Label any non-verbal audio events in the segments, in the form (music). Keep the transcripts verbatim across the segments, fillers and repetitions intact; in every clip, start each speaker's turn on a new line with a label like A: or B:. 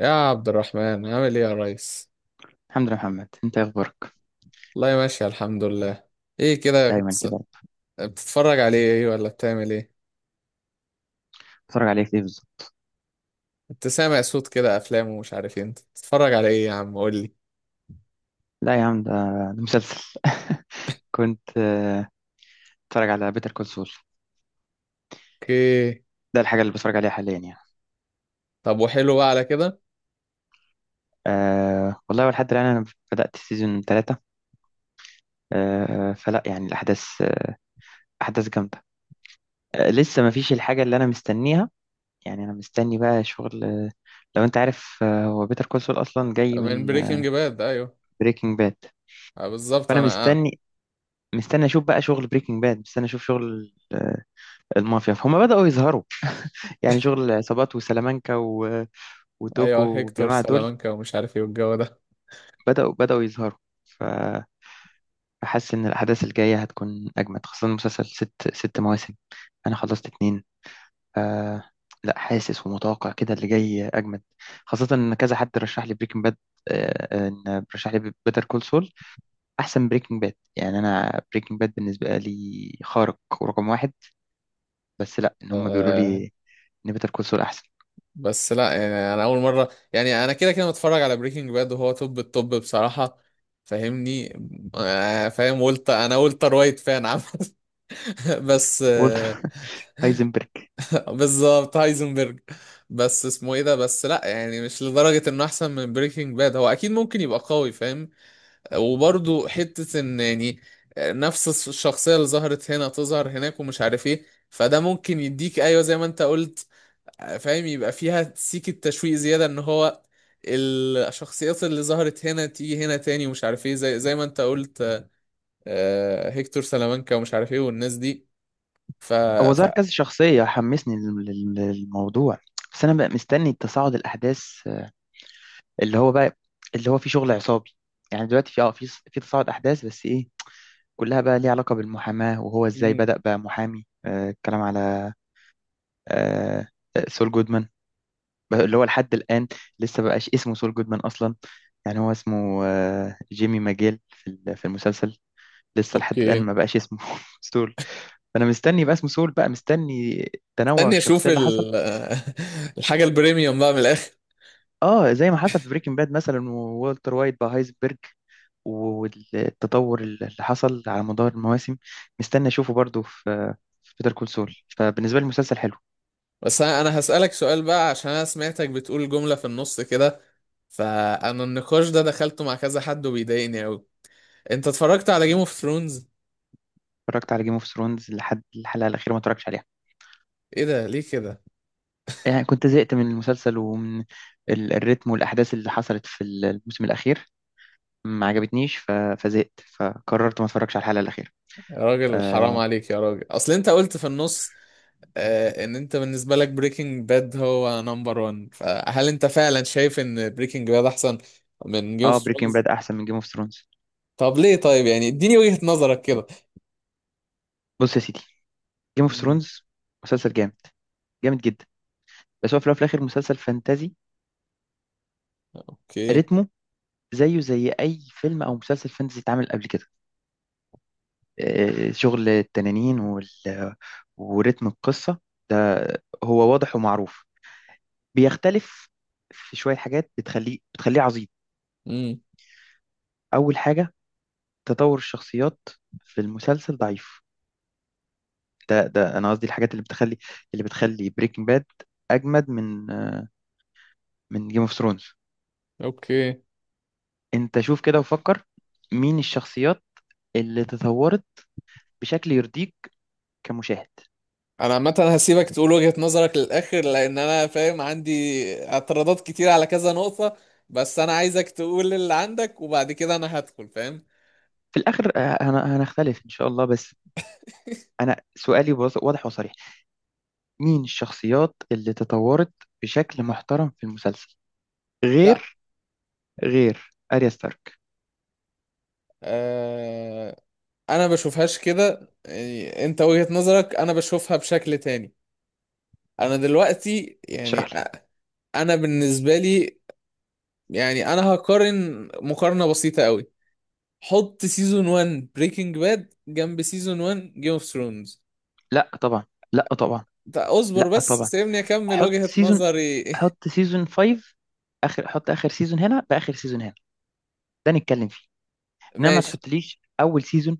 A: يا عبد الرحمن عامل ايه يا ريس؟
B: الحمد لله يا محمد، انت ايه اخبارك؟
A: والله ماشي، الحمد لله. ايه كده؟ كنت
B: دايما
A: س-
B: كده.
A: بتتفرج على ايه ولا بتعمل ايه؟
B: بتتفرج عليك ايه بالظبط؟
A: كنت سامع صوت كده افلام ومش عارف ايه، انت بتتفرج على ايه يا عم؟ قول لي.
B: لا يا عم، ده ده مسلسل. (laughs) كنت آه، بتفرج على بيتر كول سول.
A: اوكي،
B: ده الحاجه اللي بتفرج عليها حاليا يعني.
A: طب وحلو بقى على كده.
B: أه والله لحد الان انا بدات سيزون ثلاثة. أه، فلا يعني الاحداث، آه، احداث جامده. أه، لسه ما فيش الحاجه اللي انا مستنيها. يعني انا مستني بقى شغل، آه، لو انت عارف، آه، هو بيتر كول سول اصلا جاي
A: من
B: من
A: بريكنج باد، ايوه.
B: بريكنج باد.
A: آه، بالظبط
B: فانا
A: انا آه.
B: مستني مستني اشوف بقى شغل بريكنج باد، مستني اشوف شغل، آه، المافيا فهم بداوا يظهروا. يعني شغل العصابات وسلامانكا و... وتوكو
A: ايوه، هيكتور
B: والجماعة دول.
A: سلامانكا ومش عارف ايه والجو ده.
B: بدأوا بدأوا يظهروا. ف- فحاسس إن الأحداث الجاية هتكون أجمد، خاصة المسلسل ست ست مواسم. أنا خلصت اتنين. ف... لا، حاسس ومتوقع كده اللي جاي أجمد، خاصة إن كذا حد رشح لي بريكنج باد، إن رشح لي بيتر كول سول أحسن بريكنج باد. يعني أنا بريكنج باد بالنسبة لي خارق ورقم واحد. بس لا، إن هم بيقولوا
A: آه،
B: لي إن بيتر كول سول أحسن.
A: بس لا يعني، انا اول مره، يعني انا كده كده متفرج على بريكنج باد وهو توب التوب بصراحه. فاهمني؟ آه، فاهم. قلت، انا قلت رايت فان عامه، بس
B: قلت
A: آه،
B: هايزنبرج. (laughs)
A: (laughs) بالظبط هايزنبرج. بس اسمه ايه ده؟ بس لا، يعني مش لدرجة انه احسن من بريكنج باد. هو اكيد ممكن يبقى قوي، فاهم؟ وبرضه حتة ان يعني، آه، نفس الس- الشخصية اللي ظهرت هنا تظهر هناك ومش عارف ايه، فده ممكن يديك، ايوه زي ما انت قلت. آه، فاهم. يبقى فيها سيكة تشويق زيادة ان هو الشخصيات اللي ظهرت هنا تيجي هنا تاني ومش عارف ايه، زي زي ما انت قلت. آه، هيكتور سلامانكا ومش عارف ايه والناس دي. ف
B: هو
A: ف
B: ظهر كذا شخصية حمسني لل- لل- للموضوع. بس أنا بقى مستني تصاعد الأحداث، آه، اللي هو بقى، اللي هو في شغل عصابي. يعني دلوقتي في اه في في تصاعد أحداث، بس إيه؟ كلها بقى ليها علاقة بالمحاماة، وهو إزاي
A: مم.
B: بدأ بقى محامي. آه، الكلام على، آه، آه، سول جودمان، بقى اللي هو لحد الآن لسه بقاش اسمه سول جودمان أصلا. يعني هو اسمه، آه، جيمي ماجيل، في ال- في المسلسل. لسه لحد الآن
A: اوكي.
B: ما بقاش اسمه (laughs) سول. فأنا مستني بقى اسمه سول، بقى مستني تنوع
A: استني اشوف
B: الشخصية اللي حصل.
A: ال... (laughs) الحاجه البريميوم بقى من الاخر.
B: اه زي ما حصل في بريكنج باد مثلا، وولتر وايت بقى هايزبرج، والتطور اللي حصل على مدار المواسم. مستني اشوفه برضو في، في بيتر كول سول. فبالنسبه لي المسلسل حلو.
A: بس انا، انا هسالك سؤال بقى، عشان انا سمعتك بتقول جمله في النص كده. فانا النقاش ده دخلته مع كذا حد وبيضايقني قوي. انت اتفرجت على جيم اوف ثرونز؟
B: اتفرجت على جيم اوف ثرونز لحد الحلقه الاخيره، ما اتفرجتش عليها.
A: ايه ده؟ ليه كده؟
B: يعني كنت زهقت من المسلسل ومن ال- الريتم والاحداث اللي حصلت في الموسم الاخير. ما عجبتنيش. ف- فزهقت، فقررت ما اتفرجش على الحلقه الاخيره.
A: يا راجل حرام
B: اه،
A: عليك يا راجل، اصل انت قلت في النص، آه، ان انت بالنسبه لك بريكنج باد هو نمبر واحد. فهل انت فعلا شايف ان بريكنج باد احسن من جيم اوف
B: آه بريكنج
A: ثرونز؟
B: باد احسن من جيم اوف ثرونز.
A: طب ليه؟ طيب يعني اديني وجهة نظرك كده.
B: بص يا سيدي، جيم اوف
A: مم،
B: ثرونز مسلسل جامد، جامد جدا، بس هو في الأول وفي الاخر مسلسل فانتازي.
A: اوكي
B: رتمه زيه زي اي فيلم او مسلسل فانتزي اتعمل قبل كده. آه، شغل التنانين وال... ورتم القصه ده هو واضح ومعروف. بيختلف في شويه حاجات بتخليه بتخليه عظيم. اول حاجه، تطور الشخصيات في المسلسل ضعيف. ده ده انا قصدي الحاجات اللي بتخلي، اللي بتخلي بريكنج باد اجمد من، آه، من جيم اوف ثرونز.
A: اوكي
B: انت شوف كده وفكر، مين الشخصيات اللي تطورت بشكل يرضيك كمشاهد؟
A: انا عامه هسيبك تقول وجهة نظرك للاخر، لان انا فاهم، عندي اعتراضات كتير على كذا نقطة. بس انا عايزك تقول اللي عندك، وبعد كده انا هدخل فاهم.
B: في الآخر، آه، هن- هنختلف إن شاء الله، بس أنا سؤالي واض- واضح وصريح. مين الشخصيات اللي تطورت بشكل محترم في المسلسل،
A: لا،
B: غير غير أريا ستارك؟
A: آه، انا بشوفهاش كده. يعني انت وجهة نظرك، انا بشوفها بشكل تاني. انا دلوقتي يعني،
B: اشرح لي.
A: أ- انا بالنسبة لي، يعني انا هقارن مقارنة بسيطة قوي. حط سيزون واحد بريكنج باد جنب سيزون واحد جيم اوف ثرونز.
B: لا طبعا، لا طبعا،
A: طيب اصبر
B: لا
A: بس،
B: طبعا.
A: سيبني اكمل
B: حط
A: وجهة
B: سيزون
A: نظري.
B: حط سيزون خمسة. آخر، حط آخر سيزون هنا بآخر سيزون هنا، ده نتكلم فيه.
A: (laughs)
B: إنما ما
A: ماشي.
B: تحطليش أول سيزون.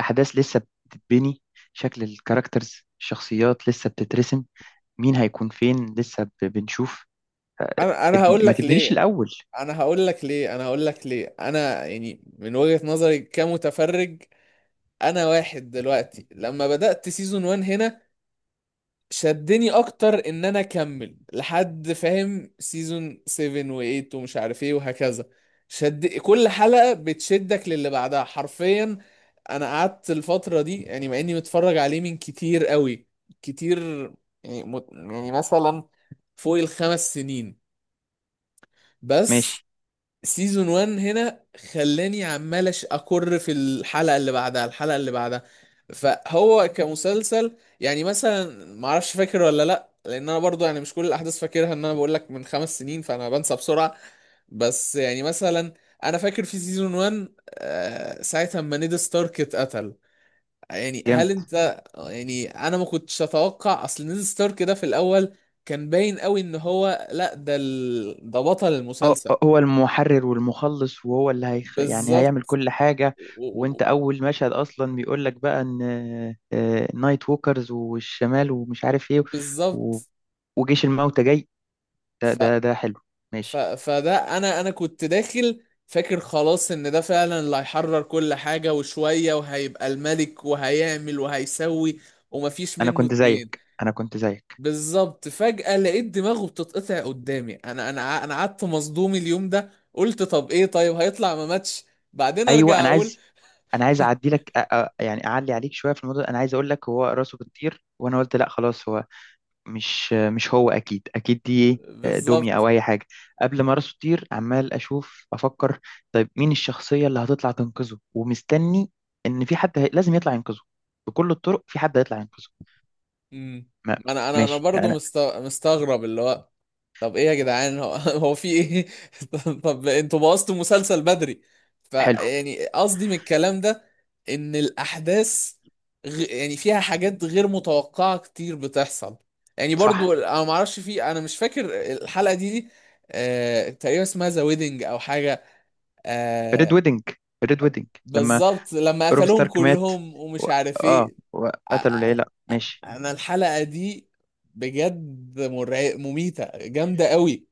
B: أحداث لسه بتتبني، شكل الكاركترز الشخصيات لسه بتترسم، مين هيكون فين لسه ب- بنشوف.
A: انا انا
B: ابن
A: هقول
B: ما
A: لك
B: تبنيليش
A: ليه
B: الاول.
A: انا هقول لك ليه انا هقول لك ليه. انا يعني من وجهة نظري كمتفرج، انا واحد دلوقتي لما بدأت سيزون واحد هنا، شدني اكتر ان انا اكمل لحد فاهم سيزون سبعة و8 ومش عارف ايه وهكذا. شد كل حلقة بتشدك للي بعدها حرفيا. انا قعدت الفترة دي، يعني مع اني متفرج عليه من كتير قوي، كتير، يعني مت... يعني مثلا فوق الخمس سنين. بس
B: ماشي.
A: سيزون واحد هنا خلاني عمال أش- اكر في الحلقه اللي بعدها الحلقه اللي بعدها. فهو كمسلسل، يعني مثلا ما اعرفش فاكر ولا لا، لان انا برضو يعني مش كل الاحداث فاكرها، ان انا بقول لك من خمس سنين فانا بنسى بسرعه. بس يعني مثلا انا فاكر في سيزون واحد، آه، ساعه ما نيد ستارك اتقتل. يعني
B: جامد.
A: هل انت، آه، يعني انا ما كنتش اتوقع، اصل نيد ستارك ده في الاول كان باين قوي ان هو لا، ده ال... ده بطل
B: اه،
A: المسلسل.
B: آه، هو المحرر والمخلص، وهو اللي هيخ... يعني هيعمل
A: بالظبط.
B: كل حاجة.
A: و-
B: وانت
A: و-
B: اول مشهد اصلا بيقول لك بقى ان، آه، نايت ووكرز والشمال ومش عارف ايه، و...
A: بالظبط.
B: وجيش الموتى جاي. ده
A: ف...
B: ده ده حلو.
A: ف...
B: ماشي.
A: فده انا، انا كنت داخل فاكر خلاص ان ده فعلا اللي هيحرر كل حاجة وشوية وهيبقى الملك وهيعمل وهيسوي ومفيش
B: انا
A: منه
B: كنت
A: اتنين.
B: زيك انا كنت زيك
A: بالظبط. فجأة لقيت دماغه بتتقطع قدامي. انا انا ع- انا قعدت مصدوم اليوم ده، قلت طب ايه؟ طيب هيطلع ما ماتش؟ بعدين
B: ايوه،
A: ارجع
B: انا
A: اقول
B: عايز انا عايز اعدي لك، أ... أ... يعني اعلي عليك شوية في الموضوع ده. انا عايز اقول لك هو راسه بتطير، وانا قلت لا خلاص هو مش مش هو، اكيد اكيد دي ايه، دمية
A: بالظبط.
B: او اي حاجه. قبل ما راسه تطير عمال اشوف افكر، طيب مين الشخصيه اللي هتطلع تنقذه، ومستني ان في حد هي... لازم يطلع ينقذه بكل الطرق، في حد هيطلع ينقذه.
A: امم.
B: ما...
A: انا انا انا
B: ماشي
A: برضه
B: يعني.
A: مست... مستغرب اللي هو، طب ايه يا جدعان؟ هو، (laughs) هو في ايه؟ (laughs) طب طب انتوا بوظتوا المسلسل بدري.
B: حلو.
A: فيعني قصدي من الكلام ده ان الاحداث، غ... يعني فيها حاجات غير متوقعة كتير بتحصل. يعني
B: صح.
A: برضو انا ما اعرفش، في انا مش فاكر الحلقة دي دي، آه... تقريبا اسمها ذا ويدنج او حاجة،
B: ريد
A: آه...
B: ويدنج ريد ويدنج لما
A: بالظبط لما
B: روب
A: قتلوهم
B: ستارك مات
A: كلهم
B: و...
A: ومش عارف
B: اه،
A: ايه. آ-
B: وقتلوا العيله.
A: آ-
B: ماشي.
A: انا الحلقة دي بجد مرع... مميتة جامدة قوي.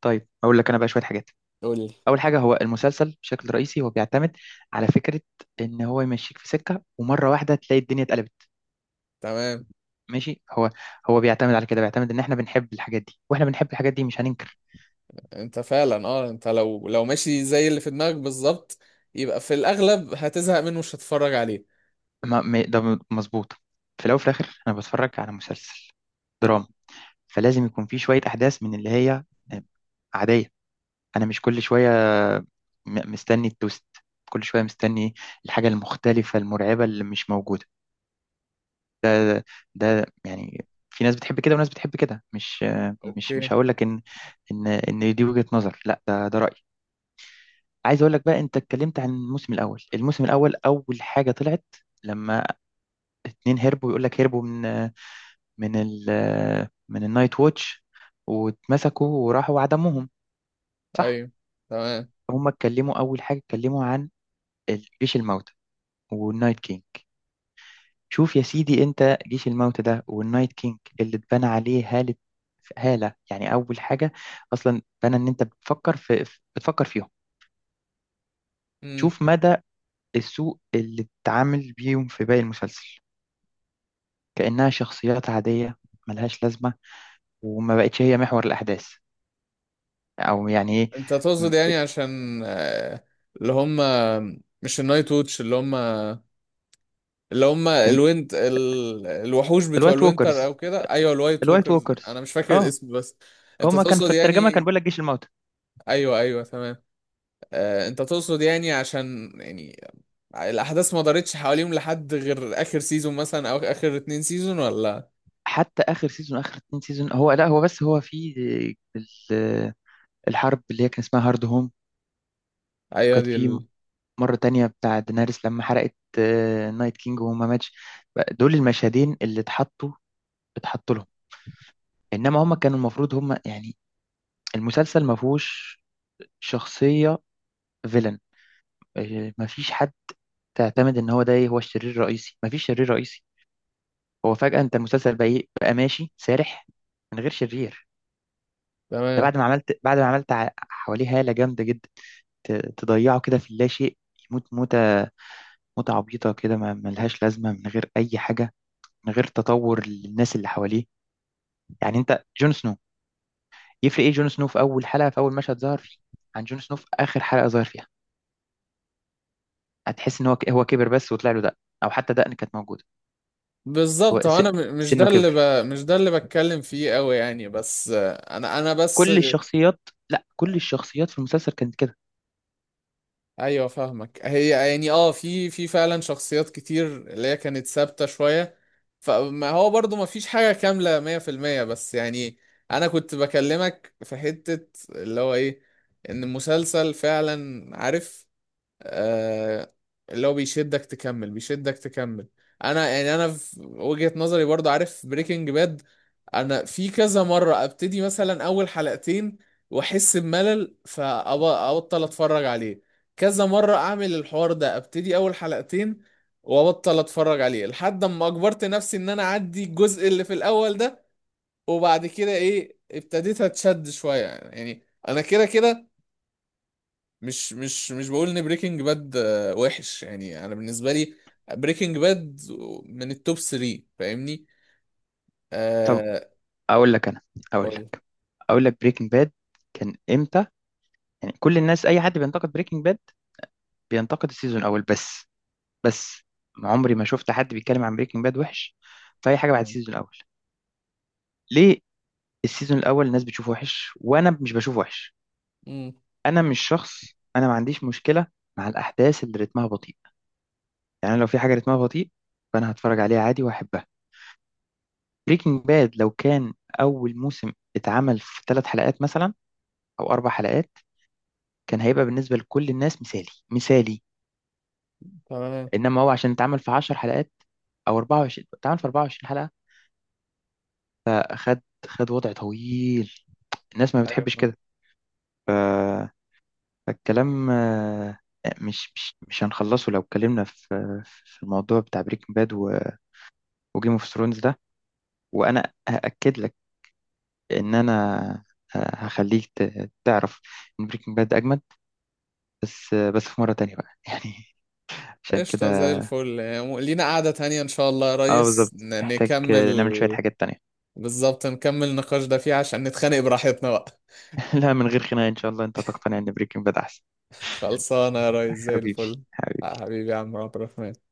B: طيب اقول لك انا بقى شويه حاجات.
A: قول لي.
B: اول حاجه، هو المسلسل بشكل رئيسي هو بيعتمد على فكره، ان هو يمشيك في سكه، ومره واحده تلاقي الدنيا اتقلبت.
A: تمام.
B: ماشي. هو هو بيعتمد على كده، بيعتمد ان احنا بنحب الحاجات دي، واحنا بنحب الحاجات دي مش هننكر.
A: انت فعلا، اه انت لو، لو ماشي زي اللي في دماغك بالظبط، يبقى في الاغلب هتزهق منه مش هتتفرج عليه.
B: ما ما- ده م- مظبوط. في الاول وفي الاخر انا بتفرج على مسلسل، فلازم يكون في شويه احداث من اللي هي، آه، عاديه. انا مش كل شويه، م- مستني التوست، كل شويه مستني الحاجه المختلفه المرعبه اللي مش موجوده. ده، ده يعني في ناس بتحب كده وناس بتحب كده، مش مش
A: اوكي.
B: مش هقول لك ان، ان ان دي وجهه نظر، لا ده ده رايي. عايز اقول لك بقى، انت اتكلمت عن الموسم الاول. الموسم الاول اول حاجه طلعت، لما اتنين هربوا، يقول لك هربوا من، من ال من النايت ووتش، واتمسكوا وراحوا عدموهم. صح.
A: ايوه تمام.
B: هم اتكلموا اول حاجه، اتكلموا عن جيش الموتى والنايت كينج. شوف يا سيدي، انت جيش الموتى ده والنايت كينج، اللي اتبنى عليه هاله، هاله يعني، اول حاجه اصلا اتبنى ان انت بتفكر في، بتفكر فيهم.
A: امم.
B: شوف مدى السوء اللي اتعامل بيهم في باقي المسلسل، كأنها شخصيات عادية ملهاش لازمة، وما بقتش هي محور الأحداث، أو يعني إيه.
A: انت
B: م-
A: تقصد يعني عشان، آه، اللي هم مش النايت ووتش، اللي هم، اللي هم
B: م-
A: الوينت، ال... الوحوش بتوع
B: الوايت
A: الوينتر او
B: ووكرز،
A: كده، ايوه الوايت
B: الوايت
A: ووكرز، انا
B: ووكرز
A: مش فاكر
B: اه،
A: الاسم بس. انت
B: هما كان في
A: تقصد
B: الترجمة كان
A: يعني،
B: بيقول لك جيش الموتى.
A: ايوه ايوه تمام. آه، انت تقصد يعني عشان يعني الاحداث ما دارتش حواليهم لحد غير اخر سيزون مثلا، او اخر اتنين سيزون، ولا؟
B: حتى آخر سيزون، آخر اتنين سيزون، هو لا هو بس هو في ال- الحرب اللي هي كان اسمها هارد هوم،
A: ايوه
B: وكانت
A: دي ال...
B: في مرة تانية بتاع دينارس لما حرقت، آه، نايت كينج وهما ماتش. دول المشهدين اللي اتحطوا، اتحطوا لهم. إنما هما كانوا المفروض هما يعني، المسلسل ما فيهوش شخصية فيلن. آه، مفيش حد اعتمد ان هو ده ايه، هو الشرير الرئيسي. مفيش شرير رئيسي. هو فجأة انت المسلسل بقى ايه، بقى ماشي سارح من غير شرير. ده
A: تمام.
B: بعد ما عملت، بعد ما عملت ع- حواليه هالة جامدة جدا، ت- تضيعه كده في اللا شيء، يموت موتة، موتة عبيطة كده ما ملهاش لازمة، من غير أي حاجة، من غير تطور للناس اللي حواليه. يعني انت جون سنو، يفرق ايه جون سنو في أول حلقة في أول مشهد ظهر فيه عن جون سنو في آخر حلقة ظهر فيها؟ هتحس ان هو ك- هو كبر بس وطلع له دقن، أو حتى دقن كانت موجودة. هو
A: بالظبط. هو
B: س-
A: انا، م- مش
B: سنه
A: ده اللي
B: كبر.
A: ب... مش ده اللي بتكلم فيه قوي يعني، بس آه، انا انا بس.
B: كل الشخصيات، لا كل الشخصيات في المسلسل كانت كده.
A: ايوه فاهمك. هي يعني اه، في في فعلا شخصيات كتير اللي هي كانت ثابته شويه، فما هو برضو ما فيش حاجه كامله مية في المية. بس يعني انا كنت بكلمك في حته اللي هو ايه، ان المسلسل فعلا عارف، آه، اللي هو بيشدك تكمل بيشدك تكمل. انا يعني انا في وجهة نظري برضو عارف بريكنج باد، انا في كذا مرة ابتدي مثلا اول حلقتين واحس بملل فابطل اتفرج عليه. كذا مرة اعمل الحوار ده، ابتدي اول حلقتين وابطل اتفرج عليه، لحد اما اجبرت نفسي ان انا اعدي الجزء اللي في الاول ده، وبعد كده ايه ابتديت اتشد شوية. يعني انا كده كده، مش مش مش بقول ان بريكنج باد وحش، يعني انا بالنسبه لي بريكنج باد من التوب تلاتة. فاهمني؟
B: طب
A: آه.
B: اقول لك انا، اقول
A: اقول.
B: لك اقول لك بريكنج باد كان امتى؟ يعني كل الناس، اي حد بينتقد بريكنج باد بينتقد السيزون الاول بس. بس ما عمري ما شفت حد بيتكلم عن بريكنج باد وحش في اي حاجه بعد السيزون الاول. ليه؟ السيزون الاول الناس بتشوفه وحش، وانا مش بشوفه وحش.
A: امم.
B: انا مش شخص، انا ما عنديش مشكله مع الاحداث اللي رتمها بطيء. يعني لو في حاجه رتمها بطيء، فانا هتفرج عليها عادي واحبها. بريكنج باد لو كان أول موسم اتعمل في ثلاث حلقات مثلا، أو أربع حلقات، كان هيبقى بالنسبة لكل الناس مثالي، مثالي.
A: تمام.
B: إنما هو عشان اتعمل في عشر حلقات، أو اربع وعشرين، اتعمل في أربعة وعشرين حلقة، آه، خد خد وضع طويل. الناس ما
A: ايوه
B: بتحبش
A: فاهم.
B: كده. ف- فالكلام، آه، مش مش مش هنخلصه لو اتكلمنا في، في الموضوع بتاع بريكنج باد وجيم اوف ثرونز ده. وأنا هأكد لك إن أنا، آه، هخليك ت- تعرف إن بريكنج باد أجمل. بس بس في مرة تانية بقى (laughs) يعني، عشان
A: قشطه زي
B: كده.
A: الفل. يعني لينا قعده تانية ان شاء الله يا
B: اه
A: ريس
B: بالظبط،
A: ن-
B: محتاج
A: نكمل.
B: نعمل شوية حاجات تانية.
A: بالظبط، نكمل النقاش ده فيها عشان نتخانق براحتنا بقى.
B: (laughs) لا من غير خناقة إن شاء الله، أنت تقتنع إن بريكنج باد أحسن.
A: (laughs) خلصانه يا ريس زي
B: حبيبي.
A: الفل.
B: حبيبي.
A: حبيبي يا عم عبد الرحمن.